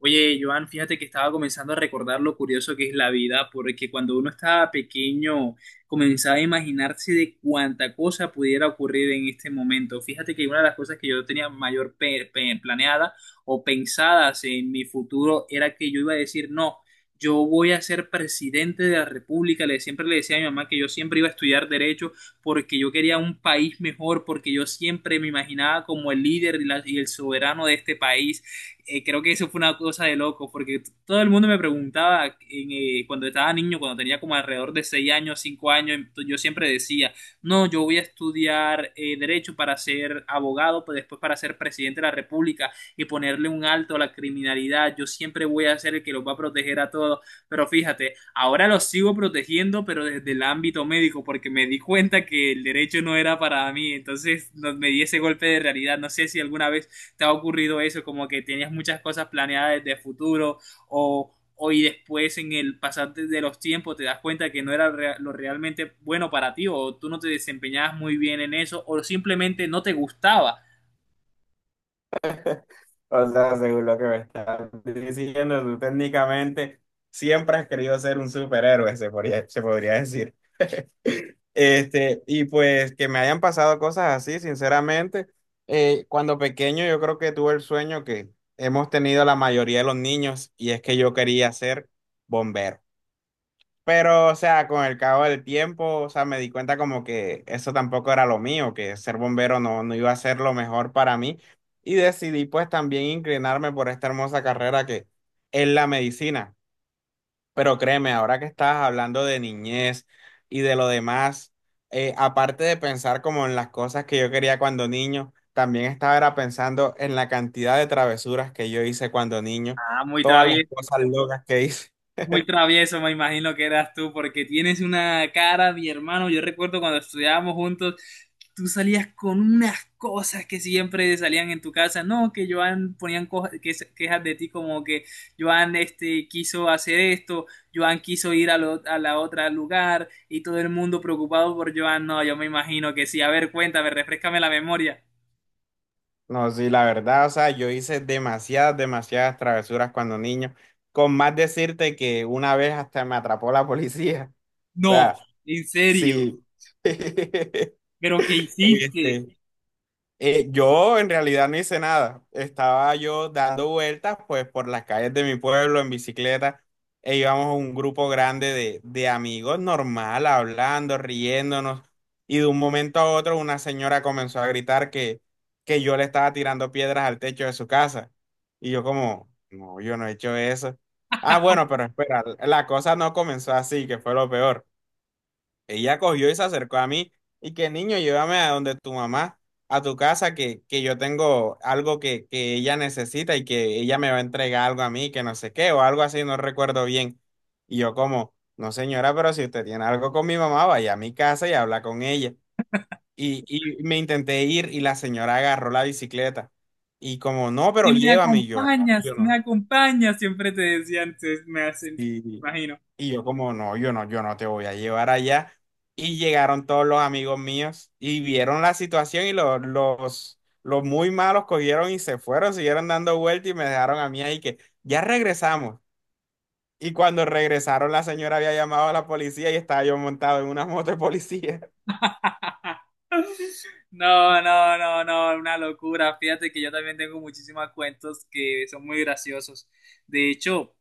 Oye, Joan, fíjate que estaba comenzando a recordar lo curioso que es la vida, porque cuando uno estaba pequeño comenzaba a imaginarse de cuánta cosa pudiera ocurrir en este momento. Fíjate que una de las cosas que yo tenía mayor planeada o pensadas en mi futuro era que yo iba a decir, no, yo voy a ser presidente de la República. Le, siempre le decía a mi mamá que yo siempre iba a estudiar derecho porque yo quería un país mejor, porque yo siempre me imaginaba como el líder y el soberano de este país. Creo que eso fue una cosa de loco, porque todo el mundo me preguntaba cuando estaba niño, cuando tenía como alrededor de 6 años, 5 años, yo siempre decía, no, yo voy a estudiar derecho para ser abogado, pues después para ser presidente de la República y ponerle un alto a la criminalidad, yo siempre voy a ser el que los va a proteger a todos, pero fíjate, ahora los sigo protegiendo, pero desde el ámbito médico, porque me di cuenta que el derecho no era para mí, entonces me di ese golpe de realidad, no sé si alguna vez te ha ocurrido eso, como que tenías muchas cosas planeadas desde futuro o hoy después en el pasar de los tiempos te das cuenta que no era lo realmente bueno para ti o tú no te desempeñabas muy bien en eso o simplemente no te gustaba. O sea, según lo que me estás diciendo, tú técnicamente siempre has querido ser un superhéroe, se podría decir. Y pues que me hayan pasado cosas así, sinceramente, cuando pequeño yo creo que tuve el sueño que hemos tenido la mayoría de los niños, y es que yo quería ser bombero. Pero, o sea, con el cabo del tiempo, o sea, me di cuenta como que eso tampoco era lo mío, que ser bombero no iba a ser lo mejor para mí. Y decidí pues también inclinarme por esta hermosa carrera que es la medicina. Pero créeme, ahora que estabas hablando de niñez y de lo demás, aparte de pensar como en las cosas que yo quería cuando niño, también estaba era pensando en la cantidad de travesuras que yo hice cuando niño, Ah, muy todas las travieso. cosas locas que hice. Muy travieso, me imagino que eras tú, porque tienes una cara, mi hermano. Yo recuerdo cuando estudiábamos juntos, tú salías con unas cosas que siempre salían en tu casa. No, que Joan ponían quejas de ti como que Joan este, quiso hacer esto, Joan quiso ir a, a la otra lugar y todo el mundo preocupado por Joan. No, yo me imagino que sí. A ver, cuéntame, refrescame la memoria. No, sí, la verdad, o sea, yo hice demasiadas travesuras cuando niño, con más decirte que una vez hasta me atrapó la policía. O No, sea, en serio. sí. ¿Pero qué hiciste? Este, yo en realidad no hice nada. Estaba yo dando vueltas pues por las calles de mi pueblo en bicicleta e íbamos un grupo grande de amigos normal, hablando, riéndonos, y de un momento a otro una señora comenzó a gritar que yo le estaba tirando piedras al techo de su casa. Y yo como, no, yo no he hecho eso. Ah, bueno, pero espera, la cosa no comenzó así, que fue lo peor. Ella cogió y se acercó a mí y que niño, llévame a donde tu mamá, a tu casa, que yo tengo algo que ella necesita y que ella me va a entregar algo a mí, que no sé qué, o algo así, no recuerdo bien. Y yo como, no señora, pero si usted tiene algo con mi mamá, vaya a mi casa y habla con ella. Y me intenté ir y la señora agarró la bicicleta. Y como, no, pero Y me llévame. Y yo, no, acompañas, yo si me no. acompañas, siempre te decían, me hacen, Sí. me imagino. Y yo como, no, yo no te voy a llevar allá. Y llegaron todos los amigos míos y vieron la situación, y los muy malos cogieron y se fueron, siguieron dando vueltas y me dejaron a mí ahí que ya regresamos. Y cuando regresaron, la señora había llamado a la policía y estaba yo montado en una moto de policía. No, no, no, no, una locura. Fíjate que yo también tengo muchísimos cuentos que son muy graciosos. De hecho,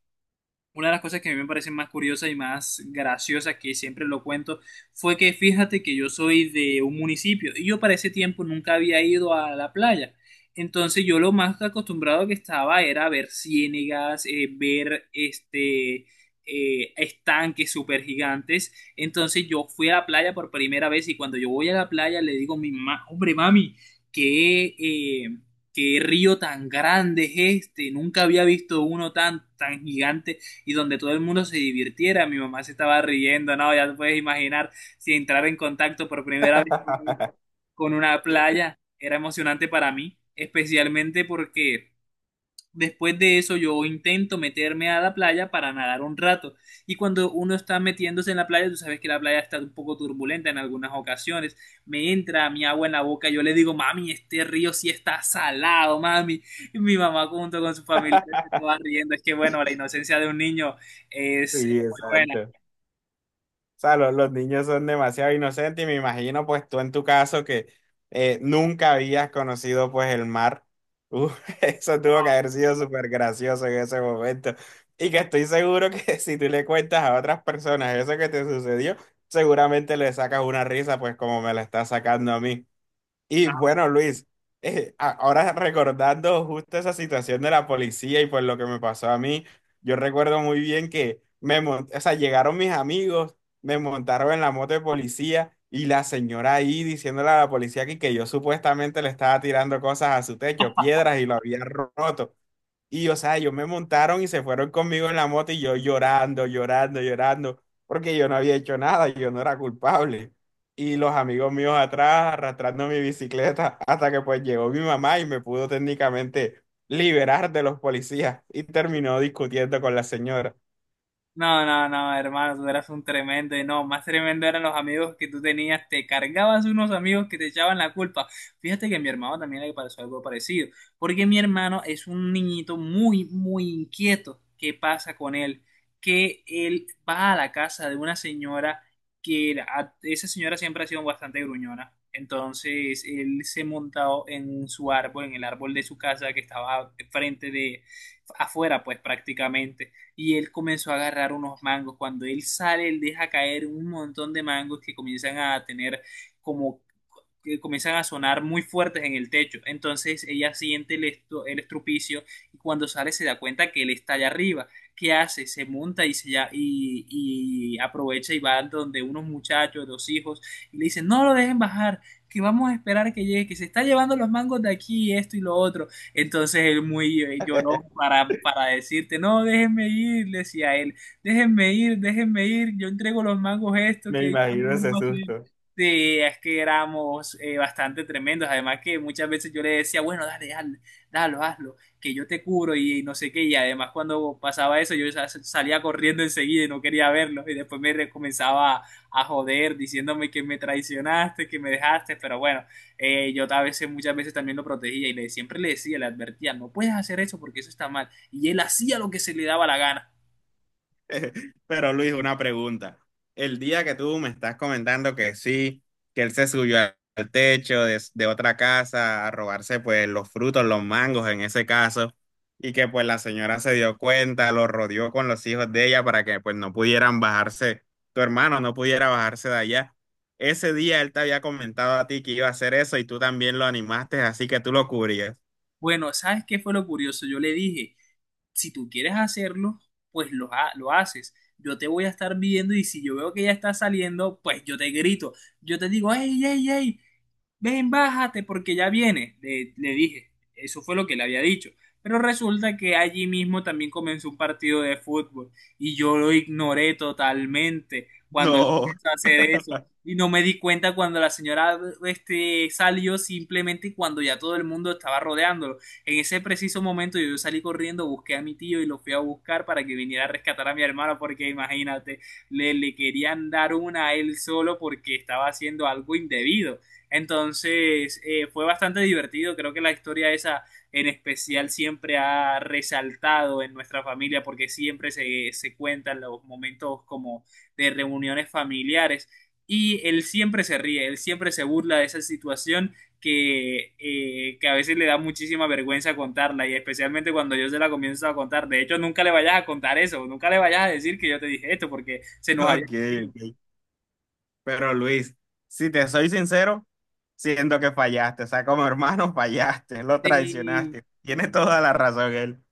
una de las cosas que a mí me parecen más curiosas y más graciosas, que siempre lo cuento, fue que fíjate que yo soy de un municipio y yo para ese tiempo nunca había ido a la playa. Entonces yo lo más acostumbrado que estaba era ver ciénagas, ver estanques súper gigantes. Entonces yo fui a la playa por primera vez y cuando yo voy a la playa le digo a mi mamá, hombre, mami, qué, eh, qué río tan grande es este, nunca había visto uno tan, tan gigante y donde todo el mundo se divirtiera. Mi mamá se estaba riendo, no, ya te puedes imaginar, si entrar en contacto por primera vez con una playa era emocionante para mí, especialmente porque después de eso yo intento meterme a la playa para nadar un rato. Y cuando uno está metiéndose en la playa, tú sabes que la playa está un poco turbulenta en algunas ocasiones. Me entra mi agua en la boca, yo le digo, mami, este río sí está salado, mami. Y mi mamá junto con sus familiares se estaba riendo. Es que bueno, la inocencia de un niño es Sí, muy buena. exacto. sea, los niños son demasiado inocentes, y me imagino pues tú en tu caso que nunca habías conocido pues el mar. Uh, eso No, tuvo que haber sido no. súper gracioso en ese momento. Y que estoy seguro que si tú le cuentas a otras personas eso que te sucedió, seguramente le sacas una risa pues como me la está sacando a mí. Y bueno, Luis, ahora recordando justo esa situación de la policía y pues lo que me pasó a mí, yo recuerdo muy bien que o sea, llegaron mis amigos, me montaron en la moto de policía y la señora ahí diciéndole a la policía que yo supuestamente le estaba tirando cosas a su techo, piedras, y lo había roto. Y, o sea, ellos me montaron y se fueron conmigo en la moto y yo llorando, porque yo no había hecho nada, yo no era culpable. Y los amigos míos atrás arrastrando mi bicicleta hasta que pues llegó mi mamá y me pudo técnicamente liberar de los policías, y terminó discutiendo con la señora. No, no, no, hermano, tú eras un tremendo y no, más tremendo eran los amigos que tú tenías, te cargabas unos amigos que te echaban la culpa. Fíjate que a mi hermano también le pasó algo parecido, porque mi hermano es un niñito muy, muy inquieto. ¿Qué pasa con él? Que él va a la casa de una señora esa señora siempre ha sido bastante gruñona. Entonces él se montó en su árbol, en el árbol de su casa que estaba frente de afuera, pues prácticamente, y él comenzó a agarrar unos mangos. Cuando él sale, él deja caer un montón de mangos que comienzan a tener como que comienzan a sonar muy fuertes en el techo. Entonces ella siente el, el estrupicio y cuando sale se da cuenta que él está allá arriba. ¿Qué hace? Se monta y, y aprovecha y va donde unos muchachos, dos hijos, y le dicen, no lo dejen bajar, que vamos a esperar que llegue, que se está llevando los mangos de aquí, esto y lo otro. Entonces él muy lloró para decirte, no, déjenme ir, decía él, déjenme ir, yo entrego los mangos esto Me que yo no imagino ese vuelvo a hacer. susto. Sí, es que éramos bastante tremendos, además que muchas veces yo le decía, bueno, dale, dale, dalo, hazlo, que yo te cubro y no sé qué, y además cuando pasaba eso yo salía corriendo enseguida y no quería verlo, y después comenzaba a joder diciéndome que me traicionaste, que me dejaste, pero bueno, yo a veces, muchas veces también lo protegía y le, siempre le decía, le advertía, no puedes hacer eso porque eso está mal. Y él hacía lo que se le daba la gana. Pero Luis, una pregunta. El día que tú me estás comentando que sí, que él se subió al techo de otra casa a robarse pues los frutos, los mangos en ese caso, y que pues la señora se dio cuenta, lo rodeó con los hijos de ella para que pues no pudieran bajarse, tu hermano no pudiera bajarse de allá. Ese día él te había comentado a ti que iba a hacer eso y tú también lo animaste, así que tú lo cubrías. Bueno, ¿sabes qué fue lo curioso? Yo le dije, si tú quieres hacerlo, pues lo haces. Yo te voy a estar viendo y si yo veo que ya está saliendo, pues yo te grito. Yo te digo, hey, hey, hey, ven, bájate porque ya viene, le dije, eso fue lo que le había dicho. Pero resulta que allí mismo también comenzó un partido de fútbol y yo lo ignoré totalmente cuando él No. comenzó a hacer eso. Y no me di cuenta cuando la señora este, salió simplemente cuando ya todo el mundo estaba rodeándolo. En ese preciso momento yo salí corriendo, busqué a mi tío y lo fui a buscar para que viniera a rescatar a mi hermano porque imagínate, le querían dar una a él solo porque estaba haciendo algo indebido. Entonces fue bastante divertido, creo que la historia esa en especial siempre ha resaltado en nuestra familia porque siempre se cuentan los momentos como de reuniones familiares y él siempre se ríe, él siempre se burla de esa situación que a veces le da muchísima vergüenza contarla y especialmente cuando yo se la comienzo a contar. De hecho, nunca le vayas a contar eso, nunca le vayas a decir que yo te dije esto porque se nos haya... Ok, ok. Pero Luis, si te soy sincero, siento que fallaste. O sea, como hermano, fallaste, lo Sí, traicionaste. Tiene toda la razón él.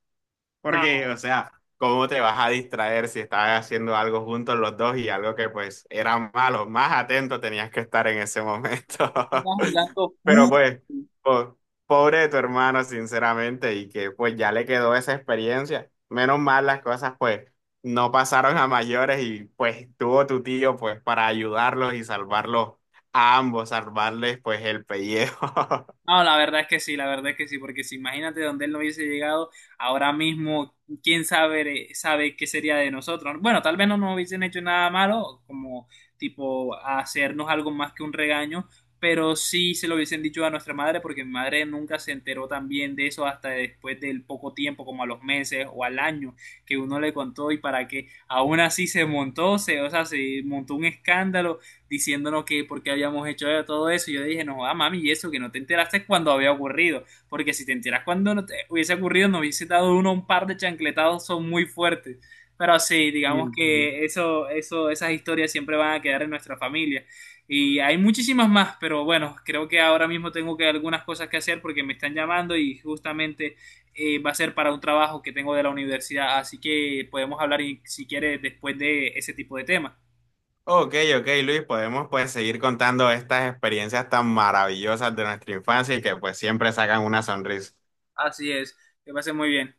no, Porque, o sea, ¿cómo te vas a distraer si estabas haciendo algo juntos los dos y algo que pues era malo? Más atento tenías que estar en ese momento. estaba jugando Pero fútbol. pues, po- pobre de tu hermano, sinceramente, y que pues ya le quedó esa experiencia. Menos mal las cosas pues no pasaron a mayores y pues tuvo tu tío pues para ayudarlos y salvarlos a ambos, salvarles pues el pellejo. No, la verdad es que sí, la verdad es que sí, porque si imagínate donde él no hubiese llegado, ahora mismo, quién sabe, sabe qué sería de nosotros. Bueno, tal vez no nos hubiesen hecho nada malo, como tipo hacernos algo más que un regaño, pero sí se lo hubiesen dicho a nuestra madre, porque mi madre nunca se enteró también de eso hasta después del poco tiempo, como a los meses o al año que uno le contó y para que aún así se montó, o sea, se montó un escándalo diciéndonos que por qué habíamos hecho todo eso. Yo dije, no, ah, mami, y eso, que no te enteraste cuando había ocurrido. Porque si te enteras cuando no te hubiese ocurrido, nos hubiese dado uno un par de chancletados, son muy fuertes. Pero sí, digamos Y que eso, esas historias siempre van a quedar en nuestra familia. Y hay muchísimas más, pero bueno, creo que ahora mismo tengo que algunas cosas que hacer porque me están llamando y justamente va a ser para un trabajo que tengo de la universidad. Así que podemos hablar, si quieres, después de ese tipo de temas. ok, ok, Luis, podemos pues seguir contando estas experiencias tan maravillosas de nuestra infancia y que pues siempre sacan una sonrisa. Así es, que pase muy bien.